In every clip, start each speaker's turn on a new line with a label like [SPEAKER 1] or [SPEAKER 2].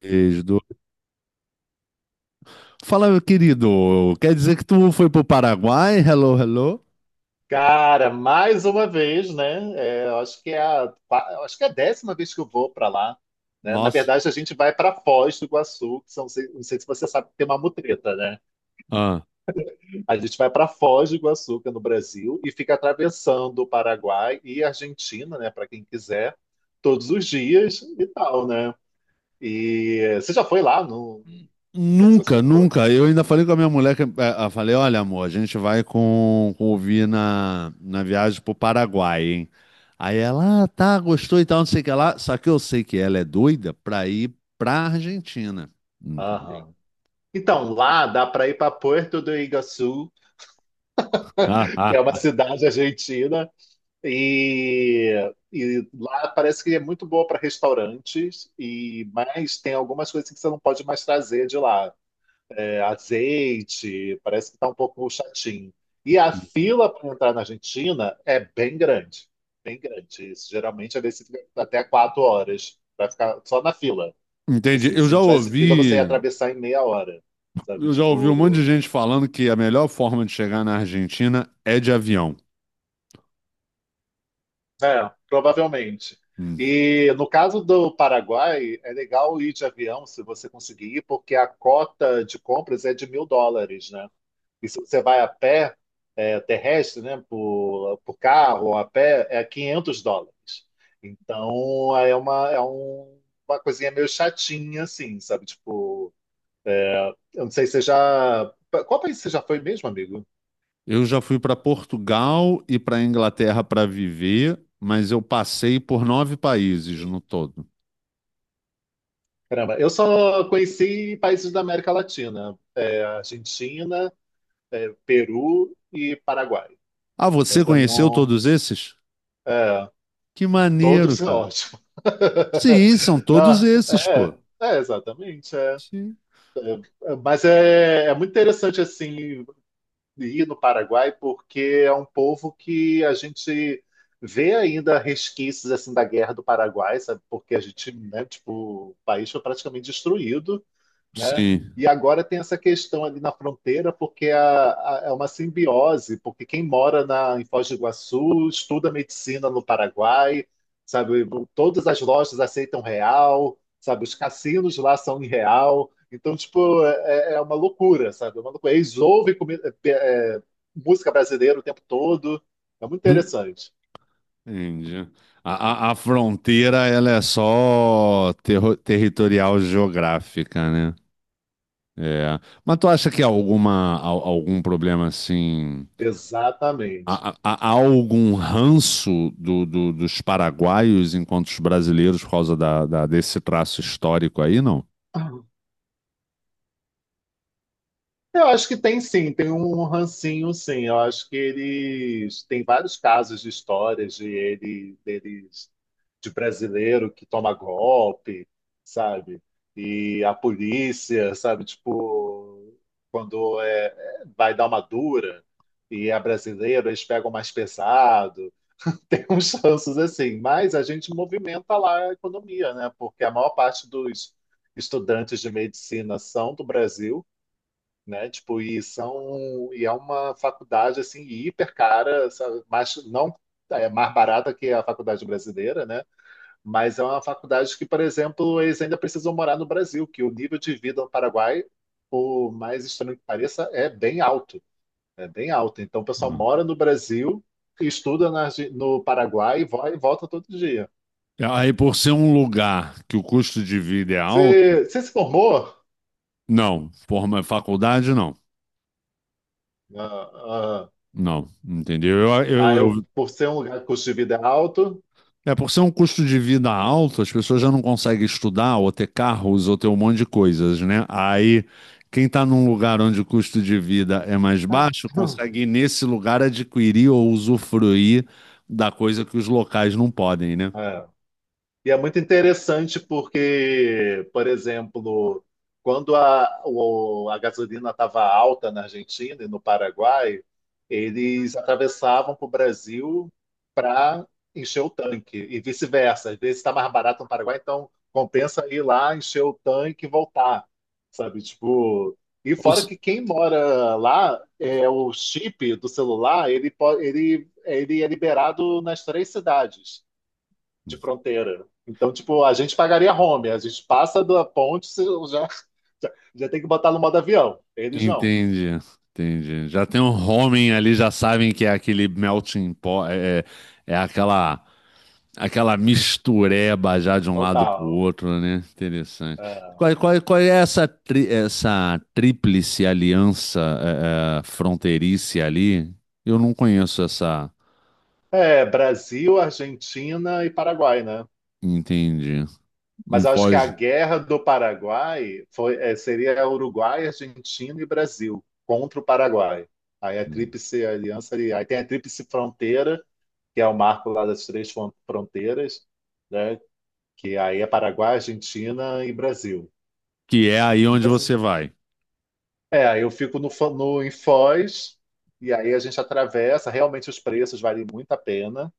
[SPEAKER 1] Beijo. Du. Fala, meu querido. Quer dizer que tu foi pro Paraguai? Hello, hello.
[SPEAKER 2] Cara, mais uma vez, né? É, eu acho que é a 10ª vez que eu vou para lá, né? Na
[SPEAKER 1] Nossa.
[SPEAKER 2] verdade, a gente vai para Foz do Iguaçu, não sei se você sabe que tem uma mutreta, né?
[SPEAKER 1] Ah.
[SPEAKER 2] A gente vai para Foz do Iguaçu, que é no Brasil, e fica atravessando o Paraguai e a Argentina, né? Para quem quiser, todos os dias e tal, né? E você já foi lá? Não, não sei se você
[SPEAKER 1] Nunca,
[SPEAKER 2] já foi.
[SPEAKER 1] nunca. Eu ainda falei com a minha mulher, eu falei, olha, amor, a gente vai com o Vi na viagem pro Paraguai, hein? Aí ela, ah, tá, gostou e tal, não sei o que lá. Só que eu sei que ela é doida pra ir pra Argentina. Entendeu?
[SPEAKER 2] Aham. Então, lá dá para ir para Puerto do Iguaçu,
[SPEAKER 1] Ah,
[SPEAKER 2] que é
[SPEAKER 1] ah,
[SPEAKER 2] uma
[SPEAKER 1] ah.
[SPEAKER 2] cidade argentina. E lá parece que é muito boa para restaurantes, e mas tem algumas coisas que você não pode mais trazer de lá. É, azeite, parece que está um pouco chatinho. E a fila para entrar na Argentina é bem grande, bem grande. Isso, geralmente às vezes você fica até 4 horas para ficar só na fila. Tipo
[SPEAKER 1] Entendi.
[SPEAKER 2] assim,
[SPEAKER 1] Eu
[SPEAKER 2] se
[SPEAKER 1] já
[SPEAKER 2] não tivesse fila, você ia
[SPEAKER 1] ouvi,
[SPEAKER 2] atravessar em meia hora, sabe?
[SPEAKER 1] eu já ouvi um monte de
[SPEAKER 2] Tipo,
[SPEAKER 1] gente falando que a melhor forma de chegar na Argentina é de avião.
[SPEAKER 2] é, provavelmente.
[SPEAKER 1] Hum.
[SPEAKER 2] E no caso do Paraguai, é legal ir de avião se você conseguir ir, porque a cota de compras é de 1.000 dólares, né? E se você vai a pé, é, terrestre, né, por carro ou a pé, é 500 dólares. Então, é uma coisinha meio chatinha, assim, sabe? Tipo, eu não sei se você já. Qual país você já foi mesmo, amigo?
[SPEAKER 1] Eu já fui para Portugal e para Inglaterra para viver, mas eu passei por nove países no todo.
[SPEAKER 2] Caramba, eu só conheci países da América Latina. Argentina. Peru e Paraguai.
[SPEAKER 1] Ah,
[SPEAKER 2] Eu
[SPEAKER 1] você
[SPEAKER 2] ainda
[SPEAKER 1] conheceu
[SPEAKER 2] não.
[SPEAKER 1] todos esses?
[SPEAKER 2] é,
[SPEAKER 1] Que
[SPEAKER 2] todos
[SPEAKER 1] maneiro,
[SPEAKER 2] são
[SPEAKER 1] cara.
[SPEAKER 2] ótimos.
[SPEAKER 1] Sim, são
[SPEAKER 2] Não,
[SPEAKER 1] todos esses,
[SPEAKER 2] é,
[SPEAKER 1] pô.
[SPEAKER 2] é, exatamente. É.
[SPEAKER 1] Sim.
[SPEAKER 2] Mas é muito interessante assim ir no Paraguai, porque é um povo que a gente vê ainda resquícios assim da guerra do Paraguai, sabe? Porque a gente, né, tipo, o país foi praticamente destruído, né?
[SPEAKER 1] Sim.
[SPEAKER 2] E agora tem essa questão ali na fronteira, porque é uma simbiose, porque quem mora em Foz do Iguaçu estuda medicina no Paraguai, sabe? Todas as lojas aceitam real, sabe? Os cassinos lá são em real. Então, tipo, é uma loucura, sabe? É uma loucura. Eles ouvem é, é, música brasileira o tempo todo. É muito
[SPEAKER 1] Hum.
[SPEAKER 2] interessante.
[SPEAKER 1] Entendi. A fronteira, ela é só territorial geográfica, né? É. Mas tu acha que há algum problema assim?
[SPEAKER 2] Exatamente.
[SPEAKER 1] Há algum ranço dos paraguaios enquanto os brasileiros por causa desse traço histórico aí, não?
[SPEAKER 2] Eu acho que tem sim, tem um rancinho sim. Eu acho que eles tem vários casos de histórias deles, de brasileiro que toma golpe, sabe? E a polícia, sabe? Tipo, quando vai dar uma dura e é brasileiro, eles pegam mais pesado. Tem uns chances assim, mas a gente movimenta lá a economia, né? Porque a maior parte dos estudantes de medicina são do Brasil, né? Tipo, e é uma faculdade assim hiper cara, sabe? Mas não é mais barata que a faculdade brasileira, né? Mas é uma faculdade que, por exemplo, eles ainda precisam morar no Brasil, que o nível de vida no Paraguai, por mais estranho que pareça, é bem alto, é bem alto. Então, o pessoal
[SPEAKER 1] Ah.
[SPEAKER 2] mora no Brasil, estuda no Paraguai e e volta todo dia.
[SPEAKER 1] Aí, por ser um lugar que o custo de vida é alto,
[SPEAKER 2] Você se formou?
[SPEAKER 1] não. Forma faculdade, não.
[SPEAKER 2] Ah, ah,
[SPEAKER 1] Não, entendeu?
[SPEAKER 2] ah, por ser um lugar que o custo de vida é alto.
[SPEAKER 1] É, por ser um custo de vida alto, as pessoas já não conseguem estudar ou ter carros ou ter um monte de coisas, né? Aí, quem está num lugar onde o custo de vida é mais
[SPEAKER 2] Ah.
[SPEAKER 1] baixo, consegue nesse lugar adquirir ou usufruir da coisa que os locais não podem, né?
[SPEAKER 2] É. E é muito interessante porque, por exemplo, quando a gasolina estava alta na Argentina e no Paraguai, eles atravessavam para o Brasil para encher o tanque e vice-versa. Às vezes está mais barato no Paraguai, então compensa ir lá, encher o tanque e voltar, sabe? Tipo, e
[SPEAKER 1] Ou
[SPEAKER 2] fora
[SPEAKER 1] se-
[SPEAKER 2] que quem mora lá, é o chip do celular, ele é liberado nas três cidades de fronteira. Então, tipo, a gente pagaria home, a gente passa da ponte, já, já tem que botar no modo avião. Eles não,
[SPEAKER 1] Entendi, entendi. Já tem um homem ali, já sabem que é aquele melting pot, é aquela Aquela mistureba já de um lado pro
[SPEAKER 2] total.
[SPEAKER 1] outro, né? Interessante.
[SPEAKER 2] É,
[SPEAKER 1] Qual é essa tríplice aliança fronteiriça ali? Eu não conheço essa.
[SPEAKER 2] É, Brasil, Argentina e Paraguai, né?
[SPEAKER 1] Entendi. Em
[SPEAKER 2] Mas eu acho que a
[SPEAKER 1] Foz,
[SPEAKER 2] guerra do Paraguai seria Uruguai, Argentina e Brasil contra o Paraguai. Aí tem a Tríplice Fronteira, que é o marco lá das três fronteiras, né? Que aí é Paraguai, Argentina e Brasil.
[SPEAKER 1] que é aí onde
[SPEAKER 2] Mas
[SPEAKER 1] você vai.
[SPEAKER 2] é, aí eu fico no, em Foz, e aí a gente atravessa. Realmente os preços valem muito a pena,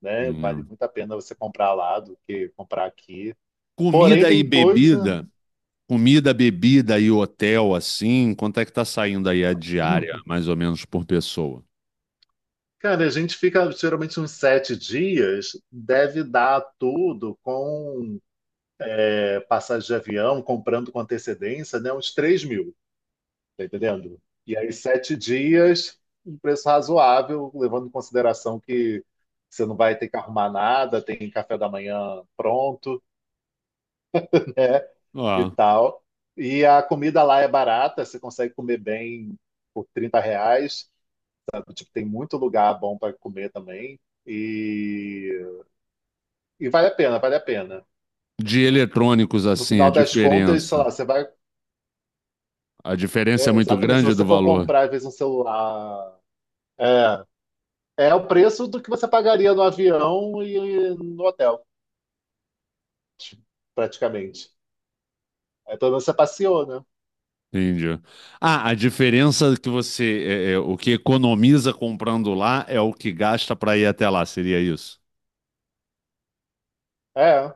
[SPEAKER 2] né? Vale
[SPEAKER 1] Hum.
[SPEAKER 2] muito a pena você comprar lá do que comprar aqui. Porém,
[SPEAKER 1] Comida e
[SPEAKER 2] tem coisa.
[SPEAKER 1] bebida. Comida, bebida e hotel, assim. Quanto é que tá saindo aí a diária, mais ou menos, por pessoa?
[SPEAKER 2] Cara, a gente fica geralmente uns 7 dias, deve dar tudo com passagem de avião, comprando com antecedência, né? Uns 3 mil. Tá entendendo? E aí, 7 dias, um preço razoável, levando em consideração que você não vai ter que arrumar nada, tem café da manhã pronto e
[SPEAKER 1] Ó,
[SPEAKER 2] tal. E a comida lá é barata, você consegue comer bem por 30 reais, sabe? Tipo, tem muito lugar bom para comer também. E, e vale a pena, vale a pena.
[SPEAKER 1] de eletrônicos,
[SPEAKER 2] No
[SPEAKER 1] assim, a
[SPEAKER 2] final das contas, sei lá,
[SPEAKER 1] diferença.
[SPEAKER 2] você vai.
[SPEAKER 1] A diferença é
[SPEAKER 2] É,
[SPEAKER 1] muito
[SPEAKER 2] exatamente, se
[SPEAKER 1] grande do
[SPEAKER 2] você for
[SPEAKER 1] valor.
[SPEAKER 2] comprar, às vezes, um celular. é, É o preço do que você pagaria no avião e no hotel, praticamente. Aí pelo menos você passeou, né?
[SPEAKER 1] Entendi. Ah, a diferença que você, o que economiza comprando lá é o que gasta para ir até lá, seria isso?
[SPEAKER 2] É.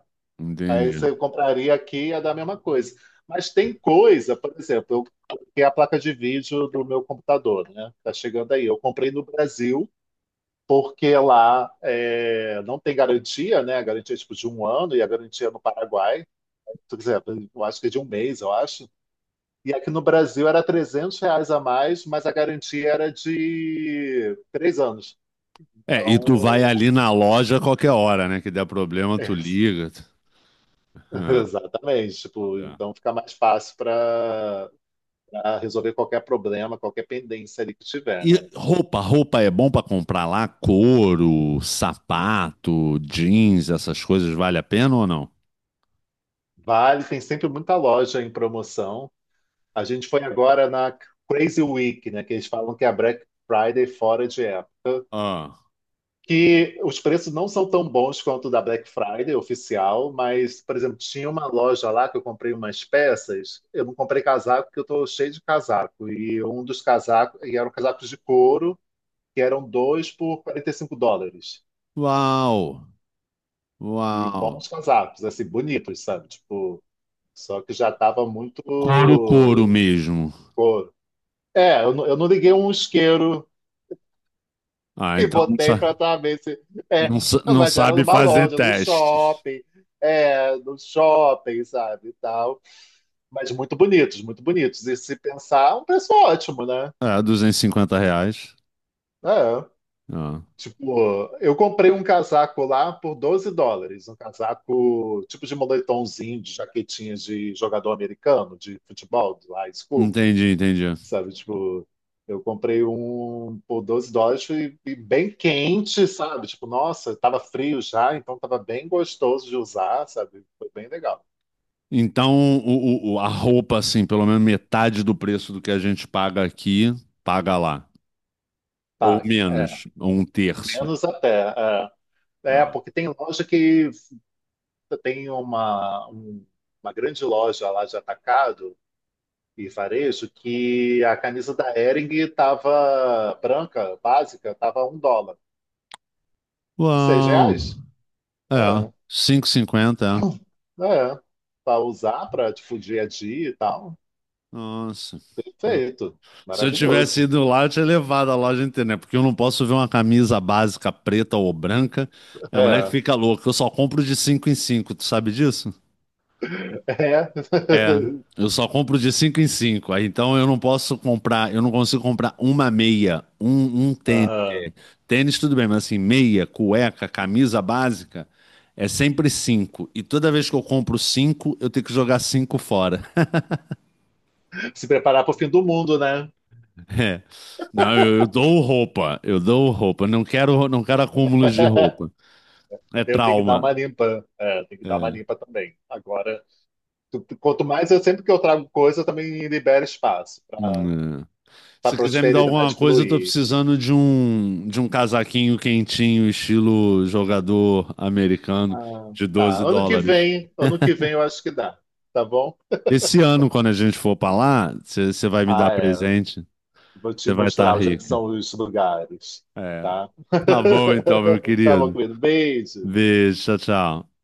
[SPEAKER 2] Aí
[SPEAKER 1] Entendi.
[SPEAKER 2] você compraria aqui e ia dar a mesma coisa. Mas tem coisa, por exemplo, eu coloquei a placa de vídeo do meu computador, né? Tá chegando aí. Eu comprei no Brasil, porque lá não tem garantia, né? A garantia é tipo de um ano, e a garantia no Paraguai, por exemplo, eu acho que é de um mês, eu acho. E aqui no Brasil era 300 reais a mais, mas a garantia era de 3 anos.
[SPEAKER 1] É, e tu vai
[SPEAKER 2] Então,
[SPEAKER 1] ali na loja a qualquer hora, né? Que der problema, tu liga.
[SPEAKER 2] exatamente. Tipo,
[SPEAKER 1] Tá.
[SPEAKER 2] então fica mais fácil para resolver qualquer problema, qualquer pendência ali que tiver,
[SPEAKER 1] E
[SPEAKER 2] né?
[SPEAKER 1] roupa é bom para comprar lá? Couro, sapato, jeans, essas coisas, vale a pena ou não?
[SPEAKER 2] Vale, tem sempre muita loja em promoção. A gente foi agora na Crazy Week, né? Que eles falam que é a Black Friday fora de época.
[SPEAKER 1] Ah.
[SPEAKER 2] Que os preços não são tão bons quanto o da Black Friday oficial, mas, por exemplo, tinha uma loja lá que eu comprei umas peças. Eu não comprei casaco porque eu estou cheio de casaco. E um dos casacos, e eram casacos de couro, que eram dois por 45 dólares.
[SPEAKER 1] Uau,
[SPEAKER 2] E
[SPEAKER 1] uau.
[SPEAKER 2] bons casacos, assim, bonitos, sabe? Tipo, só que já estava muito
[SPEAKER 1] Couro, couro mesmo.
[SPEAKER 2] couro. É, eu não liguei um isqueiro.
[SPEAKER 1] Ah,
[SPEAKER 2] E
[SPEAKER 1] então não.
[SPEAKER 2] botei pra atravessar. É,
[SPEAKER 1] Não, não
[SPEAKER 2] mas era
[SPEAKER 1] sabe
[SPEAKER 2] numa
[SPEAKER 1] fazer
[SPEAKER 2] loja, no
[SPEAKER 1] testes.
[SPEAKER 2] shopping. É, no shopping, sabe? E tal. Mas muito bonitos, muito bonitos. E se pensar, é um preço ótimo, né?
[SPEAKER 1] É, R$ 250.
[SPEAKER 2] É.
[SPEAKER 1] Ah,
[SPEAKER 2] Tipo, eu comprei um casaco lá por 12 dólares. Um casaco tipo de moletomzinho, de jaquetinha de jogador americano, de futebol, de high school,
[SPEAKER 1] entendi, entendi.
[SPEAKER 2] sabe? Tipo, eu comprei um por 12 dólares e bem quente, sabe? Tipo, nossa, tava frio já, então tava bem gostoso de usar, sabe? Foi bem legal.
[SPEAKER 1] Então, a roupa, assim, pelo menos metade do preço do que a gente paga aqui, paga lá. Ou
[SPEAKER 2] Paga. É,
[SPEAKER 1] menos, ou um terço.
[SPEAKER 2] menos até. É
[SPEAKER 1] Ah.
[SPEAKER 2] porque tem loja que tem uma grande loja lá de atacado e varejo, que a camisa da Hering tava branca, básica, tava 1 dólar. Seis
[SPEAKER 1] Uau!
[SPEAKER 2] reais?
[SPEAKER 1] É,
[SPEAKER 2] É,
[SPEAKER 1] 5,50, é.
[SPEAKER 2] é. Para usar para, tipo, dia a dia e tal.
[SPEAKER 1] Nossa. Ah.
[SPEAKER 2] Feito.
[SPEAKER 1] Se eu tivesse
[SPEAKER 2] Maravilhoso.
[SPEAKER 1] ido lá, eu tinha levado a loja inteira, né? Porque eu não posso ver uma camisa básica preta ou branca. É, moleque
[SPEAKER 2] É.
[SPEAKER 1] fica louca. Eu só compro de 5 em cinco, tu sabe disso?
[SPEAKER 2] É.
[SPEAKER 1] É, eu só compro de 5 em 5. Aí então eu não posso comprar, eu não consigo comprar uma meia, um tênis.
[SPEAKER 2] Aham.
[SPEAKER 1] Tênis tudo bem, mas assim, meia, cueca, camisa básica, é sempre 5. E toda vez que eu compro cinco, eu tenho que jogar 5 fora.
[SPEAKER 2] Se preparar para o fim do mundo, né?
[SPEAKER 1] É. Não, eu dou roupa, eu dou roupa. Não quero, não quero acúmulos de roupa. É
[SPEAKER 2] Eu tenho que dar uma
[SPEAKER 1] trauma.
[SPEAKER 2] limpa. É, tem que dar uma limpa também. Agora, tu- tu- quanto mais eu sempre que eu trago coisa, eu também libero espaço para
[SPEAKER 1] É.
[SPEAKER 2] a
[SPEAKER 1] Se quiser me dar alguma
[SPEAKER 2] prosperidade
[SPEAKER 1] coisa, eu tô
[SPEAKER 2] fluir.
[SPEAKER 1] precisando de um casaquinho quentinho, estilo jogador americano,
[SPEAKER 2] Ah,
[SPEAKER 1] de
[SPEAKER 2] tá.
[SPEAKER 1] 12 dólares.
[SPEAKER 2] Ano que vem eu acho que dá, tá bom?
[SPEAKER 1] Esse ano, quando a gente for pra lá, você vai me dar
[SPEAKER 2] Ah, é.
[SPEAKER 1] presente,
[SPEAKER 2] Vou te
[SPEAKER 1] você vai estar
[SPEAKER 2] mostrar onde é que
[SPEAKER 1] rica.
[SPEAKER 2] são os lugares,
[SPEAKER 1] É.
[SPEAKER 2] tá?
[SPEAKER 1] Tá bom então, meu
[SPEAKER 2] Tá bom,
[SPEAKER 1] querido.
[SPEAKER 2] querido. Beijo.
[SPEAKER 1] Beijo, tchau, tchau.